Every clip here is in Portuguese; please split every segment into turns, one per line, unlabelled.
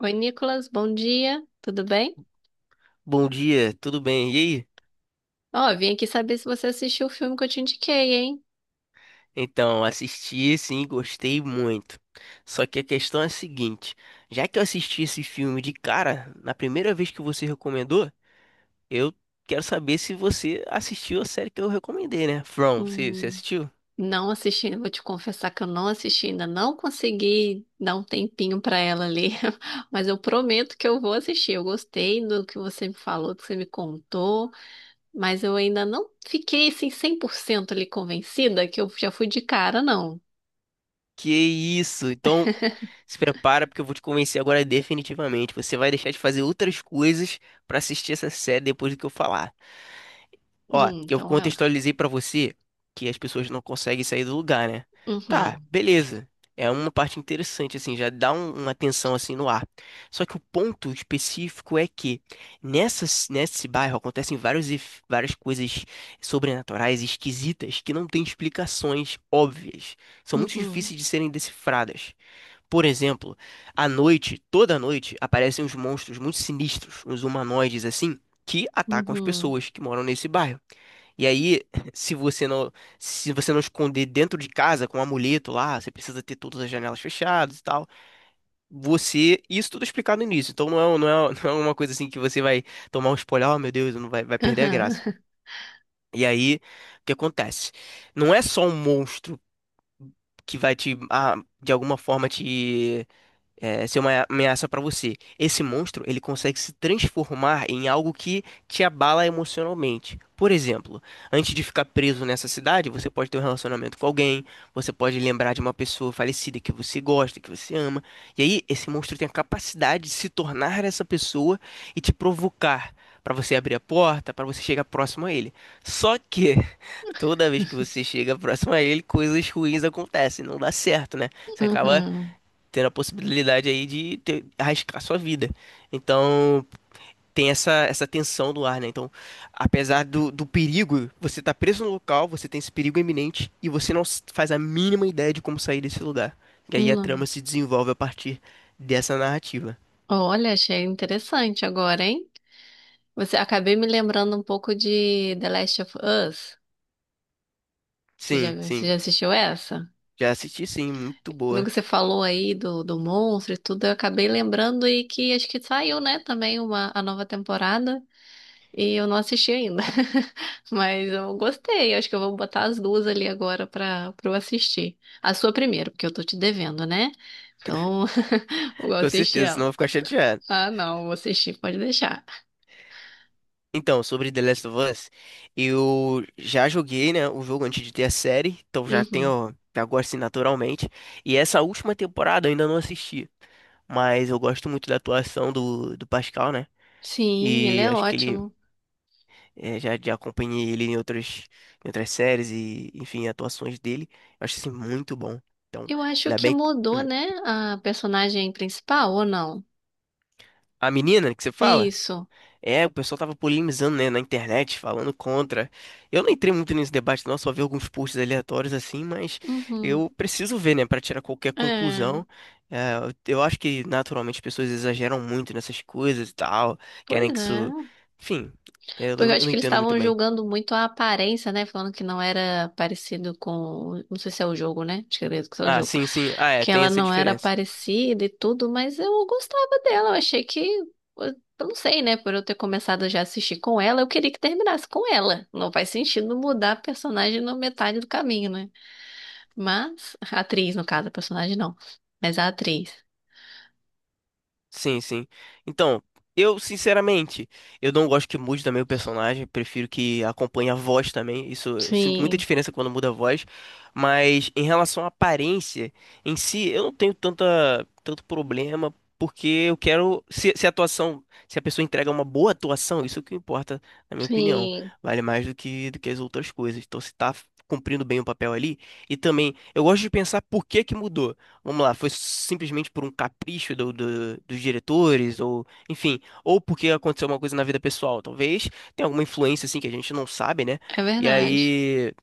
Oi, Nicolas, bom dia, tudo bem?
Bom dia, tudo bem? E aí?
Ó, vim aqui saber se você assistiu o filme que eu te indiquei, hein?
Então, assisti, sim, gostei muito. Só que a questão é a seguinte: já que eu assisti esse filme de cara, na primeira vez que você recomendou, eu quero saber se você assistiu a série que eu recomendei, né? From, você
Hum,
assistiu?
não assisti, vou te confessar que eu não assisti ainda, não consegui dar um tempinho pra ela ali, mas eu prometo que eu vou assistir. Eu gostei do que você me falou, do que você me contou, mas eu ainda não fiquei assim 100% ali convencida que eu já fui de cara, não.
Que isso! Então, se prepara porque eu vou te convencer agora definitivamente. Você vai deixar de fazer outras coisas pra assistir essa série depois do que eu falar. Ó, eu
Então vai lá.
contextualizei pra você que as pessoas não conseguem sair do lugar, né? Tá,
Uhum,
beleza. É uma parte interessante, assim, já dá uma tensão assim no ar. Só que o ponto específico é que nesse bairro acontecem várias coisas sobrenaturais, esquisitas, que não têm explicações óbvias. São muito
uhum,
difíceis de serem decifradas. Por exemplo, à noite, toda noite, aparecem uns monstros muito sinistros, uns humanoides assim, que atacam as
uhum,
pessoas que moram nesse bairro. E aí, se você não, se você não esconder dentro de casa com um amuleto lá, você precisa ter todas as janelas fechadas e tal. Você, isso tudo é explicado no início. Então não é uma coisa assim que você vai tomar um spoiler, oh meu Deus, não vai, vai perder a graça.
uhum,
E aí, o que acontece? Não é só um monstro que vai te de alguma forma te ser uma ameaça pra você. Esse monstro, ele consegue se transformar em algo que te abala emocionalmente. Por exemplo, antes de ficar preso nessa cidade, você pode ter um relacionamento com alguém, você pode lembrar de uma pessoa falecida que você gosta, que você ama. E aí, esse monstro tem a capacidade de se tornar essa pessoa e te provocar pra você abrir a porta, pra você chegar próximo a ele. Só que toda vez que você chega próximo a ele, coisas ruins acontecem, não dá certo, né? Você acaba
aham,
ter a possibilidade aí de arriscar sua vida. Então, tem essa tensão do ar, né? Então, apesar do perigo, você tá preso no local, você tem esse perigo iminente e você não s- faz a mínima ideia de como sair desse lugar. E aí
uhum,
a trama
uhum.
se desenvolve a partir dessa narrativa.
Olha, achei interessante agora, hein? Você acabei me lembrando um pouco de The Last of Us. Você já,
Sim,
viu- você já
sim.
assistiu essa?
Já assisti, sim. Muito
No
boa.
que você falou aí do monstro e tudo, eu acabei lembrando e que acho que saiu, né, também uma, a nova temporada e eu não assisti ainda. Mas eu gostei, acho que eu vou botar as duas ali agora pra eu assistir. A sua primeiro, porque eu tô te devendo, né? Então, vou
Com
assistir
certeza, senão
ela.
eu vou ficar chateado.
Ah, não, vou assistir, pode deixar.
Então, sobre The Last of Us, eu já joguei, né, o jogo antes de ter a série, então
Uhum.
já gosto assim, naturalmente. E essa última temporada eu ainda não assisti, mas eu gosto muito da atuação do Pascal, né?
Sim, ele
E
é
acho que ele
ótimo.
já acompanhei ele em em outras séries e, enfim, atuações dele. Eu acho assim muito bom. Então,
Eu acho
ainda
que
bem.
mudou,
Hum.
né? A personagem principal, ou não?
A menina que você fala?
Isso.
É, o pessoal tava polemizando, né, na internet, falando contra. Eu não entrei muito nesse debate, não, só vi alguns posts aleatórios assim, mas
Uhum.
eu preciso ver, né, para tirar qualquer
É,
conclusão. É, eu acho que naturalmente as pessoas exageram muito nessas coisas e tal,
pois
querem que
é.
isso. Enfim,
Porque eu
eu
acho
não
que eles
entendo muito
estavam
bem.
julgando muito a aparência, né? Falando que não era parecido com. Não sei se é o jogo, né? Acho que é o
Ah,
jogo.
sim, sim. Ah, é,
Que
tem
ela
essa
não era
diferença.
parecida e tudo, mas eu gostava dela. Eu achei que. Eu não sei, né? Por eu ter começado já a assistir com ela, eu queria que terminasse com ela. Não faz sentido mudar a personagem na metade do caminho, né? Mas, a atriz, no caso, a personagem não. Mas a atriz.
Sim, sim. Então, eu, sinceramente, eu não gosto que mude também o personagem, prefiro que acompanhe a voz também. Isso eu sinto muita
Sim,
diferença quando muda a voz, mas em relação à aparência em si, eu não tenho tanta tanto problema, porque eu quero se a atuação, se a pessoa entrega uma boa atuação, isso é o que importa, na minha opinião,
sim,
vale mais do que as outras coisas. Então, se tá cumprindo bem o papel ali, e também eu gosto de pensar por que que mudou. Vamos lá, foi simplesmente por um capricho dos diretores, ou enfim, ou porque aconteceu uma coisa na vida pessoal, talvez tenha alguma influência assim que a gente não sabe, né?
é
E
verdade.
aí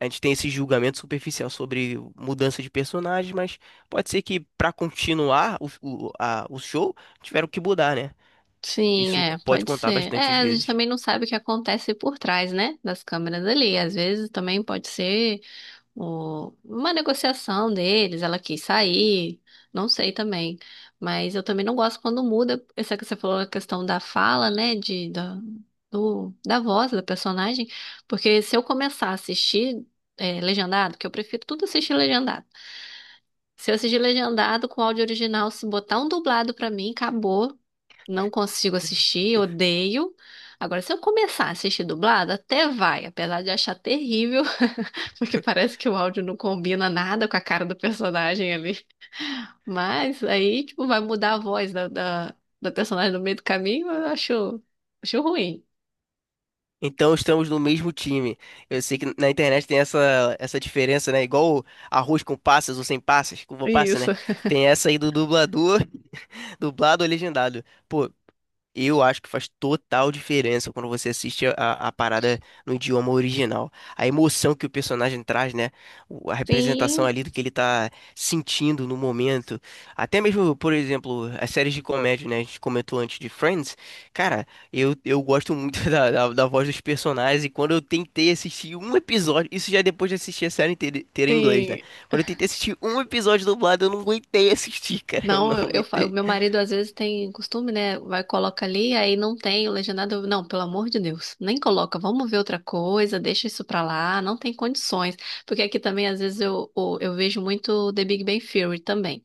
a gente tem esse julgamento superficial sobre mudança de personagem, mas pode ser que pra continuar o show tiveram que mudar, né?
Sim,
Isso
é,
pode
pode
contar
ser.
bastante
É,
às
a gente
vezes.
também não sabe o que acontece por trás, né? Das câmeras ali. Às vezes também pode ser. O- uma negociação deles, ela quis sair, não sei também. Mas eu também não gosto quando muda, essa que você falou, a questão da fala, né, da voz da personagem, porque se eu começar a assistir é, legendado, que eu prefiro tudo assistir legendado. Se eu assistir legendado com áudio original, se botar um dublado pra mim, acabou. Não consigo assistir, odeio. Agora, se eu começar a assistir dublado, até vai, apesar de achar terrível. Porque parece que o áudio não combina nada com a cara do personagem ali. Mas aí, tipo, vai mudar a voz da personagem no meio do caminho, eu acho, acho ruim.
Então estamos no mesmo time. Eu sei que na internet tem essa diferença, né? Igual arroz com passas ou sem passas, com uva passa, né?
Isso.
Tem essa aí do dublador, dublado ou legendado. Pô, eu acho que faz total diferença quando você assiste a parada no idioma original. A emoção que o personagem traz, né? A representação
Sim,
ali do que ele tá sentindo no momento. Até mesmo, por exemplo, as séries de comédia, né? A gente comentou antes de Friends. Cara, eu gosto muito da voz dos personagens. E quando eu tentei assistir um episódio, isso já é depois de assistir a série inteira em inglês, né?
sim.
Quando eu tentei assistir um episódio dublado, eu não aguentei assistir, cara. Eu não
Não, o
aguentei.
meu marido às vezes tem costume, né? Vai, coloca ali, aí não tem o legendado. Eu, não, pelo amor de Deus, nem coloca. Vamos ver outra coisa, deixa isso pra lá, não tem condições. Porque aqui também, às vezes, eu vejo muito The Big Bang Theory também.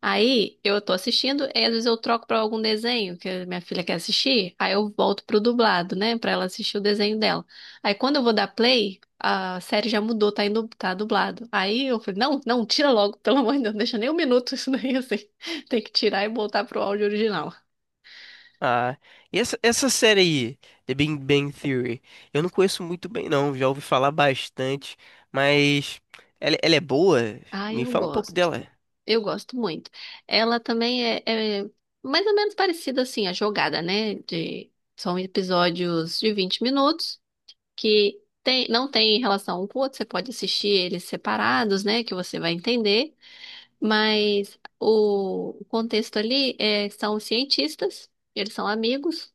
Aí eu tô assistindo e às vezes eu troco pra algum desenho que a minha filha quer assistir, aí eu volto pro dublado, né, pra ela assistir o desenho dela. Aí quando eu vou dar play, a série já mudou, tá indo, tá dublado. Aí eu falei: "Não, não, tira logo, pelo amor de Deus, não deixa nem um minuto isso daí assim. Tem que tirar e voltar pro áudio original".
Ah, e essa série aí, The Big Bang Theory, eu não conheço muito bem não, já ouvi falar bastante, mas ela é boa?
Ah,
Me
eu
fala um pouco
gosto.
dela.
Eu gosto muito. Ela também é mais ou menos parecida assim a jogada, né, de são episódios de 20 minutos. Que tem- não tem relação um com o outro, você pode assistir eles separados, né, que você vai entender, mas o contexto ali é, são os cientistas, eles são amigos,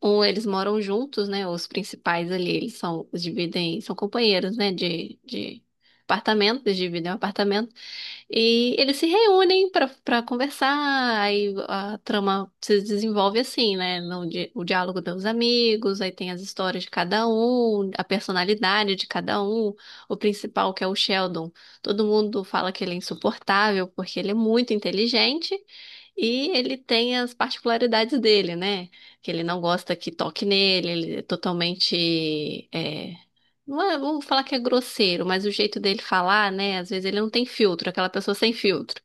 ou eles moram juntos, né, os principais ali, eles são, os dividem, são companheiros, né, de apartamento, eles dividem um apartamento, e eles se reúnem pra para conversar, aí a trama se desenvolve assim, né? No di- o diálogo dos amigos, aí tem as histórias de cada um, a personalidade de cada um. O principal, que é o Sheldon, todo mundo fala que ele é insuportável porque ele é muito inteligente e ele tem as particularidades dele, né? Que ele não gosta que toque nele, ele é totalmente é, não é, vamos falar que é grosseiro, mas o jeito dele falar, né? Às vezes ele não tem filtro, aquela pessoa sem filtro.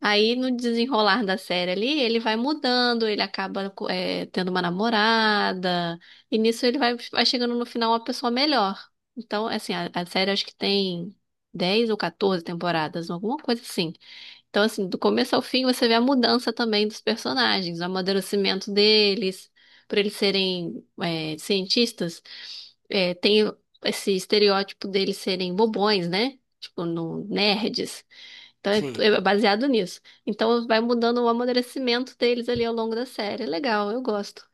Aí no desenrolar da série ali, ele vai mudando, ele acaba é, tendo uma namorada, e nisso ele vai, vai chegando no final uma pessoa melhor. Então, assim, a série acho que tem 10 ou 14 temporadas, alguma coisa assim. Então, assim, do começo ao fim, você vê a mudança também dos personagens, o amadurecimento deles, por eles serem é, cientistas, é, tem esse estereótipo deles serem bobões, né? Tipo, no, nerds. Então, é,
Sim,
é baseado nisso. Então, vai mudando o amadurecimento deles ali ao longo da série. É legal, eu gosto.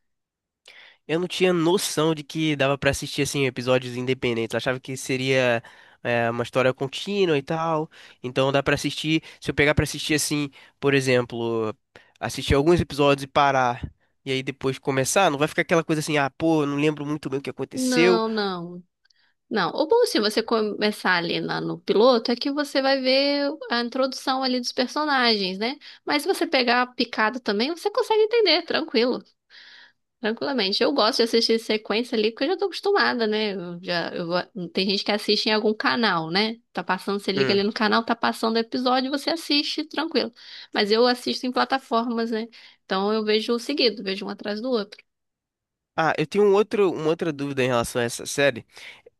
eu não tinha noção de que dava pra assistir assim episódios independentes, eu achava que seria uma história contínua e tal, então dá pra assistir, se eu pegar pra assistir assim, por exemplo, assistir alguns episódios e parar, e aí depois começar, não vai ficar aquela coisa assim, ah, pô, eu não lembro muito bem o que aconteceu.
Não, não. Não, o bom se você começar ali no piloto é que você vai ver a introdução ali dos personagens, né? Mas se você pegar picado também, você consegue entender, tranquilo, tranquilamente. Eu gosto de assistir sequência ali porque eu já tô acostumada, né? Eu já, eu vou- Tem gente que assiste em algum canal, né? Tá passando, você liga ali
Hum.
no canal, tá passando o episódio, você assiste, tranquilo. Mas eu assisto em plataformas, né? Então eu vejo seguido, vejo um atrás do outro.
Ah, eu tenho uma outra dúvida em relação a essa série.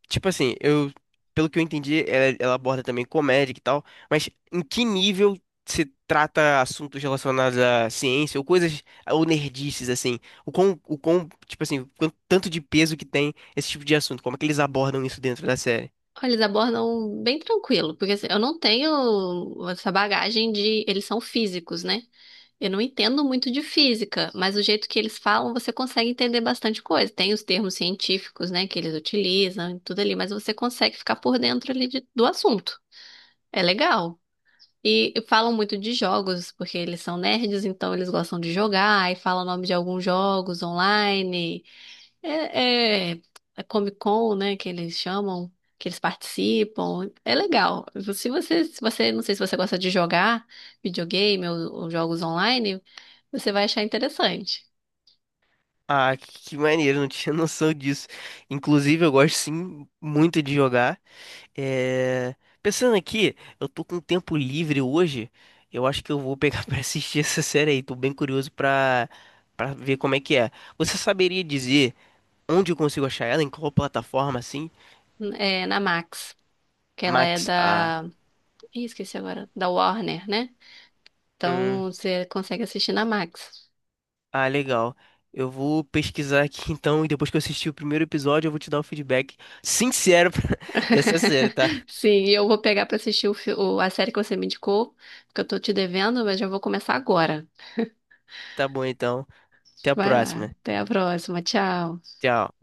Tipo assim, eu, pelo que eu entendi, ela aborda também comédia e tal, mas em que nível se trata assuntos relacionados à ciência ou coisas, ou nerdices, assim? Tipo assim, quanto, tanto de peso que tem esse tipo de assunto? Como é que eles abordam isso dentro da série?
Olha, eles abordam bem tranquilo, porque assim, eu não tenho essa bagagem de. Eles são físicos, né? Eu não entendo muito de física, mas o jeito que eles falam, você consegue entender bastante coisa. Tem os termos científicos, né, que eles utilizam e tudo ali, mas você consegue ficar por dentro ali do assunto. É legal. E falam muito de jogos, porque eles são nerds, então eles gostam de jogar, e falam o nome de alguns jogos online. é, a Comic Con, né, que eles chamam, que eles participam. É legal. Se você, se você, não sei se você gosta de jogar videogame ou jogos online, você vai achar interessante.
Ah, que maneiro, não tinha noção disso. Inclusive, eu gosto sim muito de jogar. É, pensando aqui, eu tô com tempo livre hoje. Eu acho que eu vou pegar pra assistir essa série aí. Tô bem curioso pra para ver como é que é. Você saberia dizer onde eu consigo achar ela? Em qual plataforma assim?
É na Max, que ela é
Max A.
da, ih, esqueci agora, da Warner, né?
Hum,
Então você consegue assistir na Max.
ah, legal. Eu vou pesquisar aqui então e depois que eu assistir o primeiro episódio, eu vou te dar o feedback sincero dessa série, tá?
Sim, e eu vou pegar pra assistir a série que você me indicou, porque eu tô te devendo, mas já vou começar agora.
Tá bom então. Até a
Vai lá,
próxima.
até a próxima, tchau.
Tchau.